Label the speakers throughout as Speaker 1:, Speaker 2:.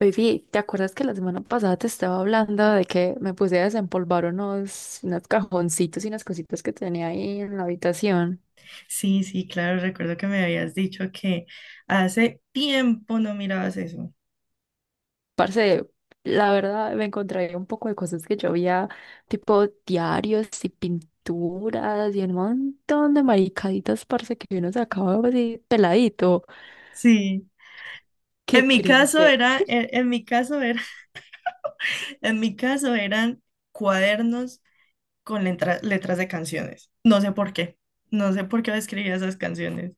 Speaker 1: Baby, ¿te acuerdas que la semana pasada te estaba hablando de que me puse a desempolvar unos cajoncitos y unas cositas que tenía ahí en la habitación?
Speaker 2: Sí, sí, claro, recuerdo que me habías dicho que hace tiempo no mirabas eso.
Speaker 1: Parce, la verdad me encontré un poco de cosas que yo había, tipo diarios y pinturas y un montón de maricaditas, parce, que uno sacaba así peladito.
Speaker 2: Sí. En
Speaker 1: Qué
Speaker 2: mi caso
Speaker 1: cringe.
Speaker 2: era, en mi caso era, en mi caso eran cuadernos con letras de canciones. No sé por qué. No sé por qué escribía esas canciones.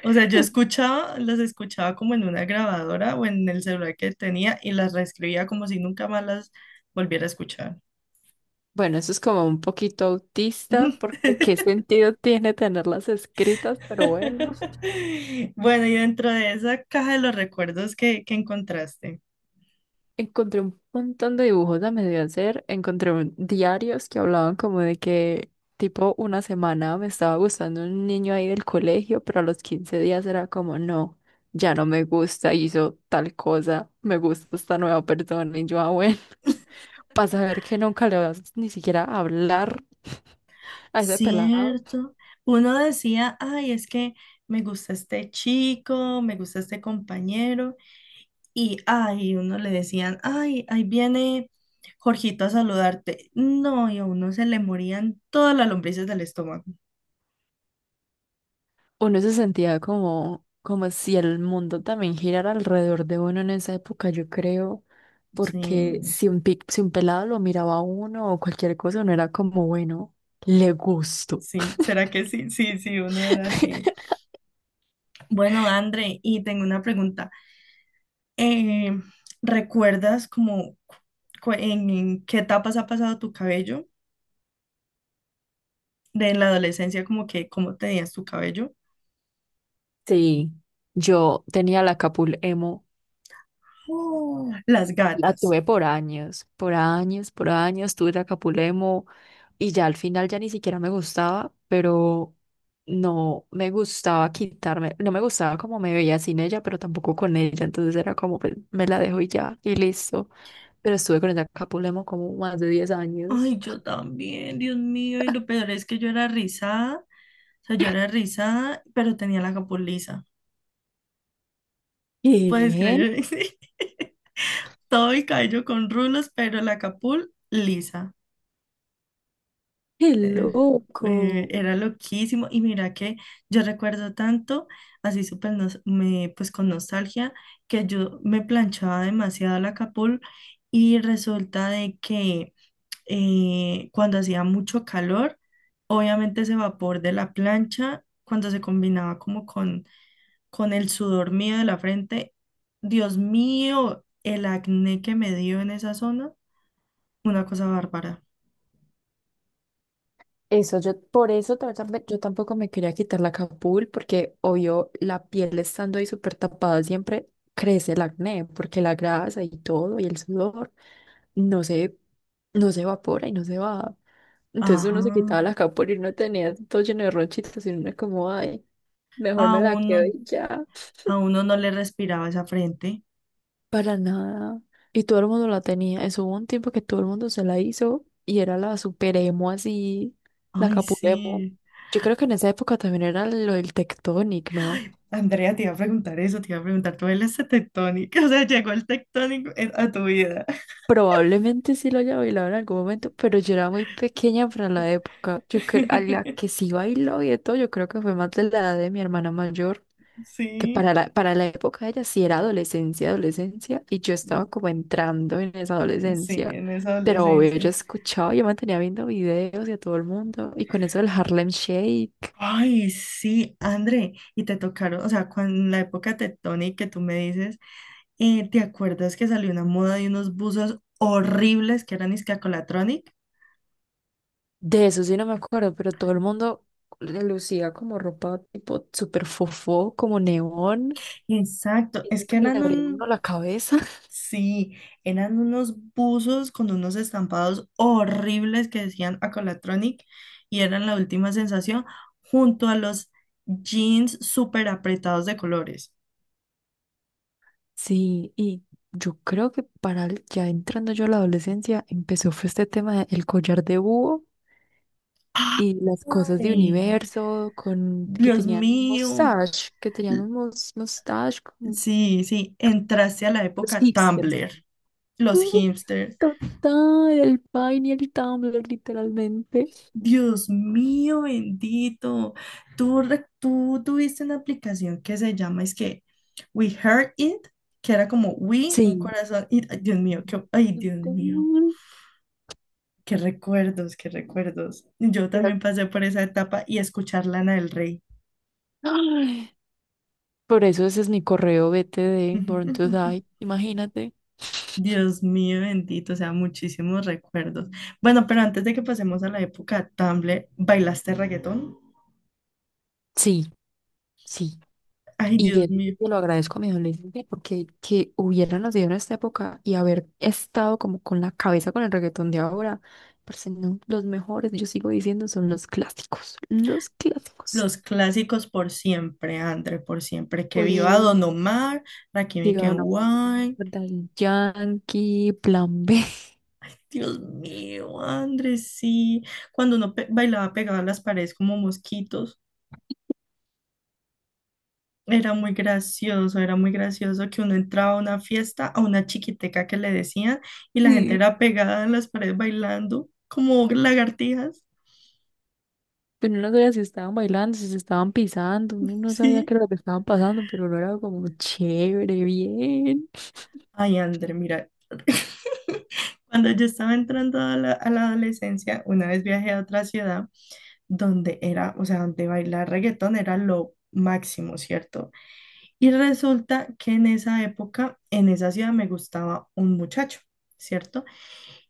Speaker 2: O sea, yo escuchaba, las escuchaba como en una grabadora o en el celular que tenía y las reescribía como si nunca más las volviera a escuchar.
Speaker 1: Bueno, eso es como un poquito autista, porque qué sentido tiene tenerlas escritas, pero bueno.
Speaker 2: Bueno, y dentro de esa caja de los recuerdos que encontraste,
Speaker 1: Encontré un montón de dibujos a medio hacer, encontré diarios que hablaban como de que tipo una semana me estaba gustando un niño ahí del colegio, pero a los 15 días era como, no, ya no me gusta, hizo tal cosa, me gusta esta nueva persona y yo, ah, bueno, para saber que nunca le vas ni siquiera a hablar a ese pelado.
Speaker 2: cierto, uno decía, ay, es que me gusta este chico, me gusta este compañero, y ay, uno le decían, ay, ahí viene Jorgito a saludarte. No, y a uno se le morían todas las lombrices del estómago.
Speaker 1: Uno se sentía como, como si el mundo también girara alrededor de uno en esa época, yo creo, porque
Speaker 2: Sí,
Speaker 1: si un pelado lo miraba a uno o cualquier cosa, uno era como, bueno, le gusto.
Speaker 2: sí, ¿será que sí? Sí, sí, uno era así. Bueno, André, y tengo una pregunta. eh, ¿Recuerdas como en qué etapas ha pasado tu cabello? De la adolescencia, como que cómo tenías tu cabello.
Speaker 1: Sí, yo tenía la capul emo.
Speaker 2: Oh, Las
Speaker 1: La
Speaker 2: gatas.
Speaker 1: tuve por años, por años, por años, tuve Acapulemo y ya al final ya ni siquiera me gustaba, pero no me gustaba quitarme, no me gustaba como me veía sin ella, pero tampoco con ella, entonces era como pues, me la dejo y ya, y listo. Pero estuve con el Acapulemo como más de 10 años.
Speaker 2: Ay, yo también, Dios mío. Y lo peor es que yo era rizada. O sea, yo era rizada, pero tenía la capul lisa. ¿Puedes
Speaker 1: ¿Qué?
Speaker 2: creer? Sí. Todo el cabello con rulos, pero la capul lisa.
Speaker 1: ¡Qué
Speaker 2: eh,
Speaker 1: loco!
Speaker 2: Era loquísimo y mira que yo recuerdo tanto, así pues con nostalgia, que yo me planchaba demasiado la capul y resulta de que cuando hacía mucho calor, obviamente ese vapor de la plancha, cuando se combinaba como con el sudor mío de la frente, Dios mío, el acné que me dio en esa zona, una cosa bárbara.
Speaker 1: Eso, yo por eso yo tampoco me quería quitar la capul porque obvio la piel estando ahí súper tapada siempre crece el acné porque la grasa y todo y el sudor no se, no se evapora y no se va. Entonces uno se quitaba
Speaker 2: Ajá.
Speaker 1: la capul y no tenía todo lleno de ronchitas y uno es como, ay, mejor me la quedo
Speaker 2: Aún.
Speaker 1: y ya.
Speaker 2: A uno no le respiraba esa frente.
Speaker 1: Para nada. Y todo el mundo la tenía. Eso hubo un tiempo que todo el mundo se la hizo y era la super emo así, la
Speaker 2: Ay,
Speaker 1: capulemo.
Speaker 2: sí.
Speaker 1: Yo creo que en esa época también era lo del Tectonic, ¿no?
Speaker 2: Ay, Andrea, te iba a preguntar eso, te iba a preguntar, ¿tú eres tectónica? O sea, llegó el tectónico a tu vida.
Speaker 1: Probablemente sí lo haya bailado en algún momento, pero yo era muy pequeña para la época. Yo creo, a la que sí bailó y de todo, yo creo que fue más de la edad de mi hermana mayor. Que
Speaker 2: Sí,
Speaker 1: para la época de ella sí era adolescencia, adolescencia, y yo estaba como entrando en esa
Speaker 2: sí,
Speaker 1: adolescencia.
Speaker 2: en esa
Speaker 1: Pero obvio, yo
Speaker 2: adolescencia.
Speaker 1: escuchaba, yo mantenía viendo videos y a todo el mundo, y con eso del Harlem Shake,
Speaker 2: Ay, sí, André, y te tocaron, o sea, cuando, en la época tectónica que tú me dices, ¿te acuerdas que salió una moda de unos buzos horribles que eran iscacolatronic?
Speaker 1: de eso sí no me acuerdo, pero todo el mundo le lucía como ropa tipo súper fofó, como neón,
Speaker 2: Exacto,
Speaker 1: y eso
Speaker 2: es que
Speaker 1: que le
Speaker 2: eran
Speaker 1: abría
Speaker 2: un,
Speaker 1: uno la cabeza.
Speaker 2: sí, eran unos buzos con unos estampados horribles que decían Acolatronic y eran la última sensación junto a los jeans súper apretados de colores.
Speaker 1: Sí, y yo creo que ya entrando yo a la adolescencia empezó fue este tema del collar de búho y las cosas de
Speaker 2: ¡Ay!
Speaker 1: universo, con que
Speaker 2: Dios
Speaker 1: tenían un
Speaker 2: mío.
Speaker 1: mustache, que tenían
Speaker 2: L-
Speaker 1: un mustache, con
Speaker 2: sí, sí, entraste a la
Speaker 1: los
Speaker 2: época
Speaker 1: hipsters.
Speaker 2: Tumblr, los
Speaker 1: Sí,
Speaker 2: hipsters.
Speaker 1: total, el Vine y el Tumblr, literalmente.
Speaker 2: Dios mío bendito, tú tuviste una aplicación que se llama, es que We Heard It, que era como We, un
Speaker 1: Sí.
Speaker 2: corazón, y, ay, Dios mío, qué, ay, Dios mío,
Speaker 1: Total.
Speaker 2: qué recuerdos, qué recuerdos. Yo
Speaker 1: Era-
Speaker 2: también pasé por esa etapa y escuchar Lana del Rey.
Speaker 1: Ay, por eso ese es mi correo BTD, Born to Die, imagínate.
Speaker 2: Dios mío bendito, o sea, muchísimos recuerdos. Bueno, pero antes de que pasemos a la época Tumblr, ¿bailaste reggaetón?
Speaker 1: Sí, sí.
Speaker 2: Ay,
Speaker 1: Y
Speaker 2: Dios
Speaker 1: eso sí
Speaker 2: mío.
Speaker 1: se lo agradezco a mi adolescente porque que hubiera nacido en esta época y haber estado como con la cabeza con el reggaetón de ahora, parce, no, los mejores, yo sigo diciendo, son los clásicos, los clásicos.
Speaker 2: Los clásicos por siempre, André, por siempre. Que
Speaker 1: Por
Speaker 2: viva
Speaker 1: el
Speaker 2: Don Omar, Rakim y Ken
Speaker 1: Iván Amado,
Speaker 2: Wine.
Speaker 1: Daddy Yankee, Plan B.
Speaker 2: Dios mío, André, sí. Cuando bailaba pegado a las paredes como mosquitos, era muy gracioso que uno entraba a una fiesta, a una chiquiteca que le decían, y la gente
Speaker 1: Sí.
Speaker 2: era pegada en las paredes bailando como lagartijas.
Speaker 1: Pero uno no sabía si estaban bailando, si se estaban pisando, uno no sabía
Speaker 2: Sí.
Speaker 1: qué era lo que estaban pasando, pero lo era como chévere, bien.
Speaker 2: Ay, André, mira. Cuando yo estaba entrando a la adolescencia, una vez viajé a otra ciudad. Donde era, o sea, donde bailar reggaetón era lo máximo, ¿cierto? Y resulta que en esa época, en esa ciudad me gustaba un muchacho, ¿cierto?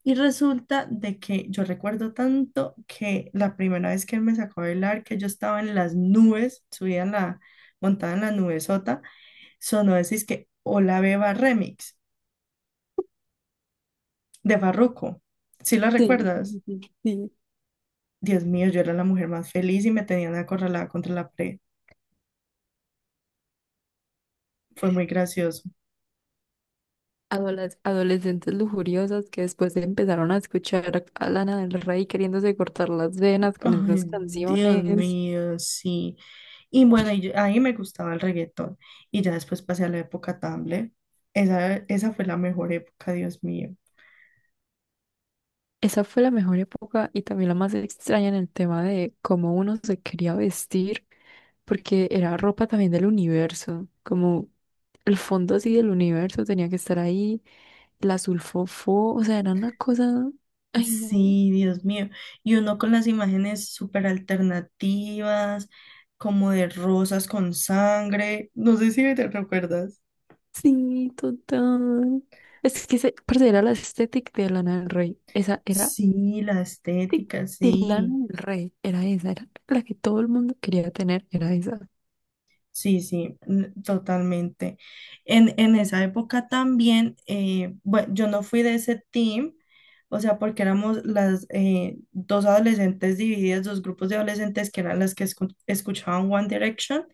Speaker 2: Y resulta de que yo recuerdo tanto que la primera vez que él me sacó a bailar, que yo estaba en las nubes, subía montada en la nube sota, sonó decís que Hola Beba Remix de Farruko. ¿Sí lo
Speaker 1: Sí,
Speaker 2: recuerdas?
Speaker 1: sí, sí, sí.
Speaker 2: Dios mío, yo era la mujer más feliz y me tenían acorralada contra la pared. Fue muy gracioso.
Speaker 1: Adoles- adolescentes lujuriosas que después empezaron a escuchar a Lana del Rey queriéndose cortar las venas con
Speaker 2: Ay,
Speaker 1: esas
Speaker 2: Dios
Speaker 1: canciones.
Speaker 2: mío, sí. Y bueno, ahí me gustaba el reggaetón. Y ya después pasé a la época Tumblr. Esa fue la mejor época, Dios mío.
Speaker 1: Esa fue la mejor época y también la más extraña en el tema de cómo uno se quería vestir, porque era ropa también del universo, como el fondo así del universo tenía que estar ahí, la sulfofo, o sea, era una cosa, ay no,
Speaker 2: Sí, Dios mío. Y uno con las imágenes súper alternativas, como de rosas con sangre. No sé si te recuerdas.
Speaker 1: sí, total. Es que se, parce, era la estética de Lana del Rey, esa era
Speaker 2: Sí, la
Speaker 1: de,
Speaker 2: estética,
Speaker 1: de Lana
Speaker 2: sí.
Speaker 1: del Rey, era esa, era la que todo el mundo quería tener, era esa.
Speaker 2: Sí, sí, totalmente. En esa época también, bueno, yo no fui de ese team, o sea, porque éramos las dos adolescentes divididas, dos grupos de adolescentes que eran las que escuchaban One Direction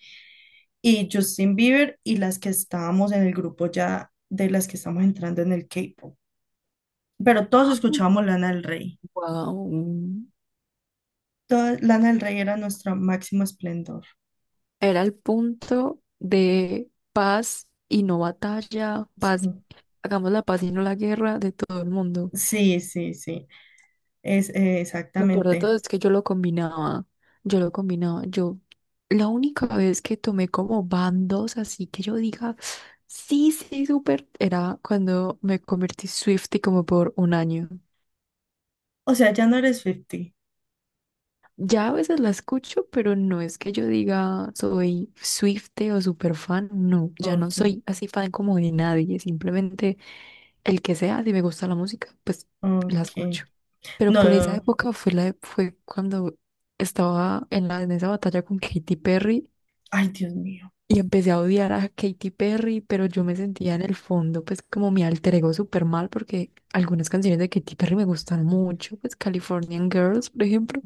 Speaker 2: y Justin Bieber y las que estábamos en el grupo ya de las que estamos entrando en el K-pop. Pero todos escuchábamos Lana del Rey.
Speaker 1: Wow.
Speaker 2: Lana del Rey era nuestra máximo esplendor.
Speaker 1: Era el punto de paz y no batalla, paz,
Speaker 2: Sí,
Speaker 1: hagamos la paz y no la guerra de todo el mundo.
Speaker 2: sí, sí, sí. Es,
Speaker 1: Lo peor de todo
Speaker 2: exactamente.
Speaker 1: es que yo la única vez que tomé como bandos, así que yo diga, sí, sí, súper, era cuando me convertí Swiftie como por un año.
Speaker 2: O sea, ya no eres 50.
Speaker 1: Ya a veces la escucho, pero no es que yo diga soy Swiftie o super fan, no, ya no
Speaker 2: Ok,
Speaker 1: soy así fan como de nadie, simplemente el que sea, si me gusta la música, pues la
Speaker 2: ok.
Speaker 1: escucho. Pero
Speaker 2: No,
Speaker 1: por
Speaker 2: no,
Speaker 1: esa
Speaker 2: no.
Speaker 1: época fue fue cuando estaba en la, en esa batalla con Katy Perry
Speaker 2: Ay, Dios mío.
Speaker 1: y empecé a odiar a Katy Perry, pero yo me sentía en el fondo pues como mi alter ego súper mal porque algunas canciones de Katy Perry me gustan mucho, pues Californian Girls, por ejemplo.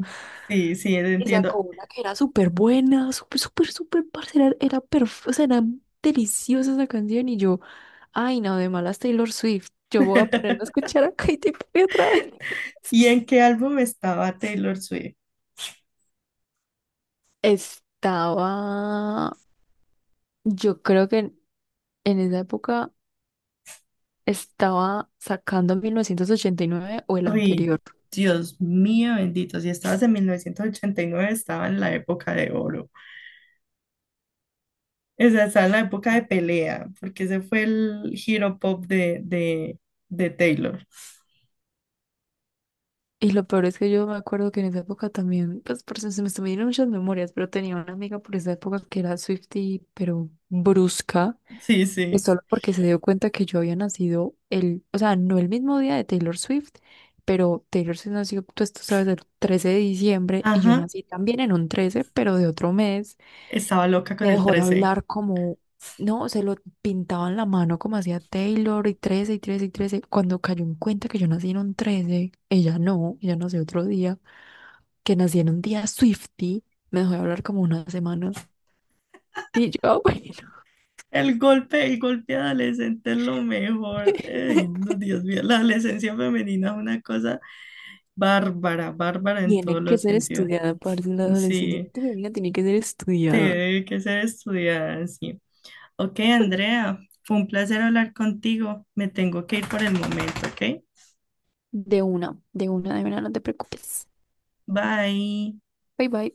Speaker 2: Sí, sí,
Speaker 1: Y
Speaker 2: entiendo.
Speaker 1: sacó una que era súper buena, súper, súper, súper, parcera, era, perfecta, o sea, era deliciosa esa canción y yo, ay, no, de malas Taylor Swift, yo voy a ponerme a escuchar a Katy Perry otra vez.
Speaker 2: ¿Y en qué álbum estaba Taylor Swift?
Speaker 1: Estaba, yo creo que en esa época estaba sacando 1989 o el
Speaker 2: Ay,
Speaker 1: anterior.
Speaker 2: Dios mío, bendito. Si estabas en 1989, estaba en la época de oro. O sea, estaba en la época de pelea, porque ese fue el giro pop de Taylor.
Speaker 1: Y lo peor es que yo me acuerdo que en esa época también, pues por eso se me están viniendo muchas memorias, pero tenía una amiga por esa época que era Swiftie, pero brusca.
Speaker 2: Sí,
Speaker 1: Y
Speaker 2: sí.
Speaker 1: solo porque se dio cuenta que yo había nacido el, o sea, no el mismo día de Taylor Swift, pero Taylor Swift nació, pues tú sabes, el 13 de diciembre y yo
Speaker 2: Ajá.
Speaker 1: nací también en un 13, pero de otro mes.
Speaker 2: Estaba loca con
Speaker 1: Me
Speaker 2: el
Speaker 1: dejó de
Speaker 2: 13.
Speaker 1: hablar como, no, se lo pintaba en la mano como hacía Taylor y 13 y 13 y 13. Cuando cayó en cuenta que yo nací en un 13, ella no, ella nació otro día, que nací en un día Swiftie, me dejó de hablar como una semana. Y yo,
Speaker 2: El golpe adolescente es lo mejor. Ay no, Dios mío, la adolescencia femenina es una cosa bárbara, bárbara en
Speaker 1: tiene
Speaker 2: todos
Speaker 1: que
Speaker 2: los
Speaker 1: ser
Speaker 2: sentidos.
Speaker 1: estudiada, parte de la adolescencia.
Speaker 2: Sí,
Speaker 1: Tu bebida tiene que ser estudiada.
Speaker 2: tiene que ser estudiada, sí. Ok, Andrea, fue un placer hablar contigo. Me tengo que ir por el momento, ¿ok?
Speaker 1: De una, de una, de una, no te preocupes.
Speaker 2: Bye.
Speaker 1: Bye bye.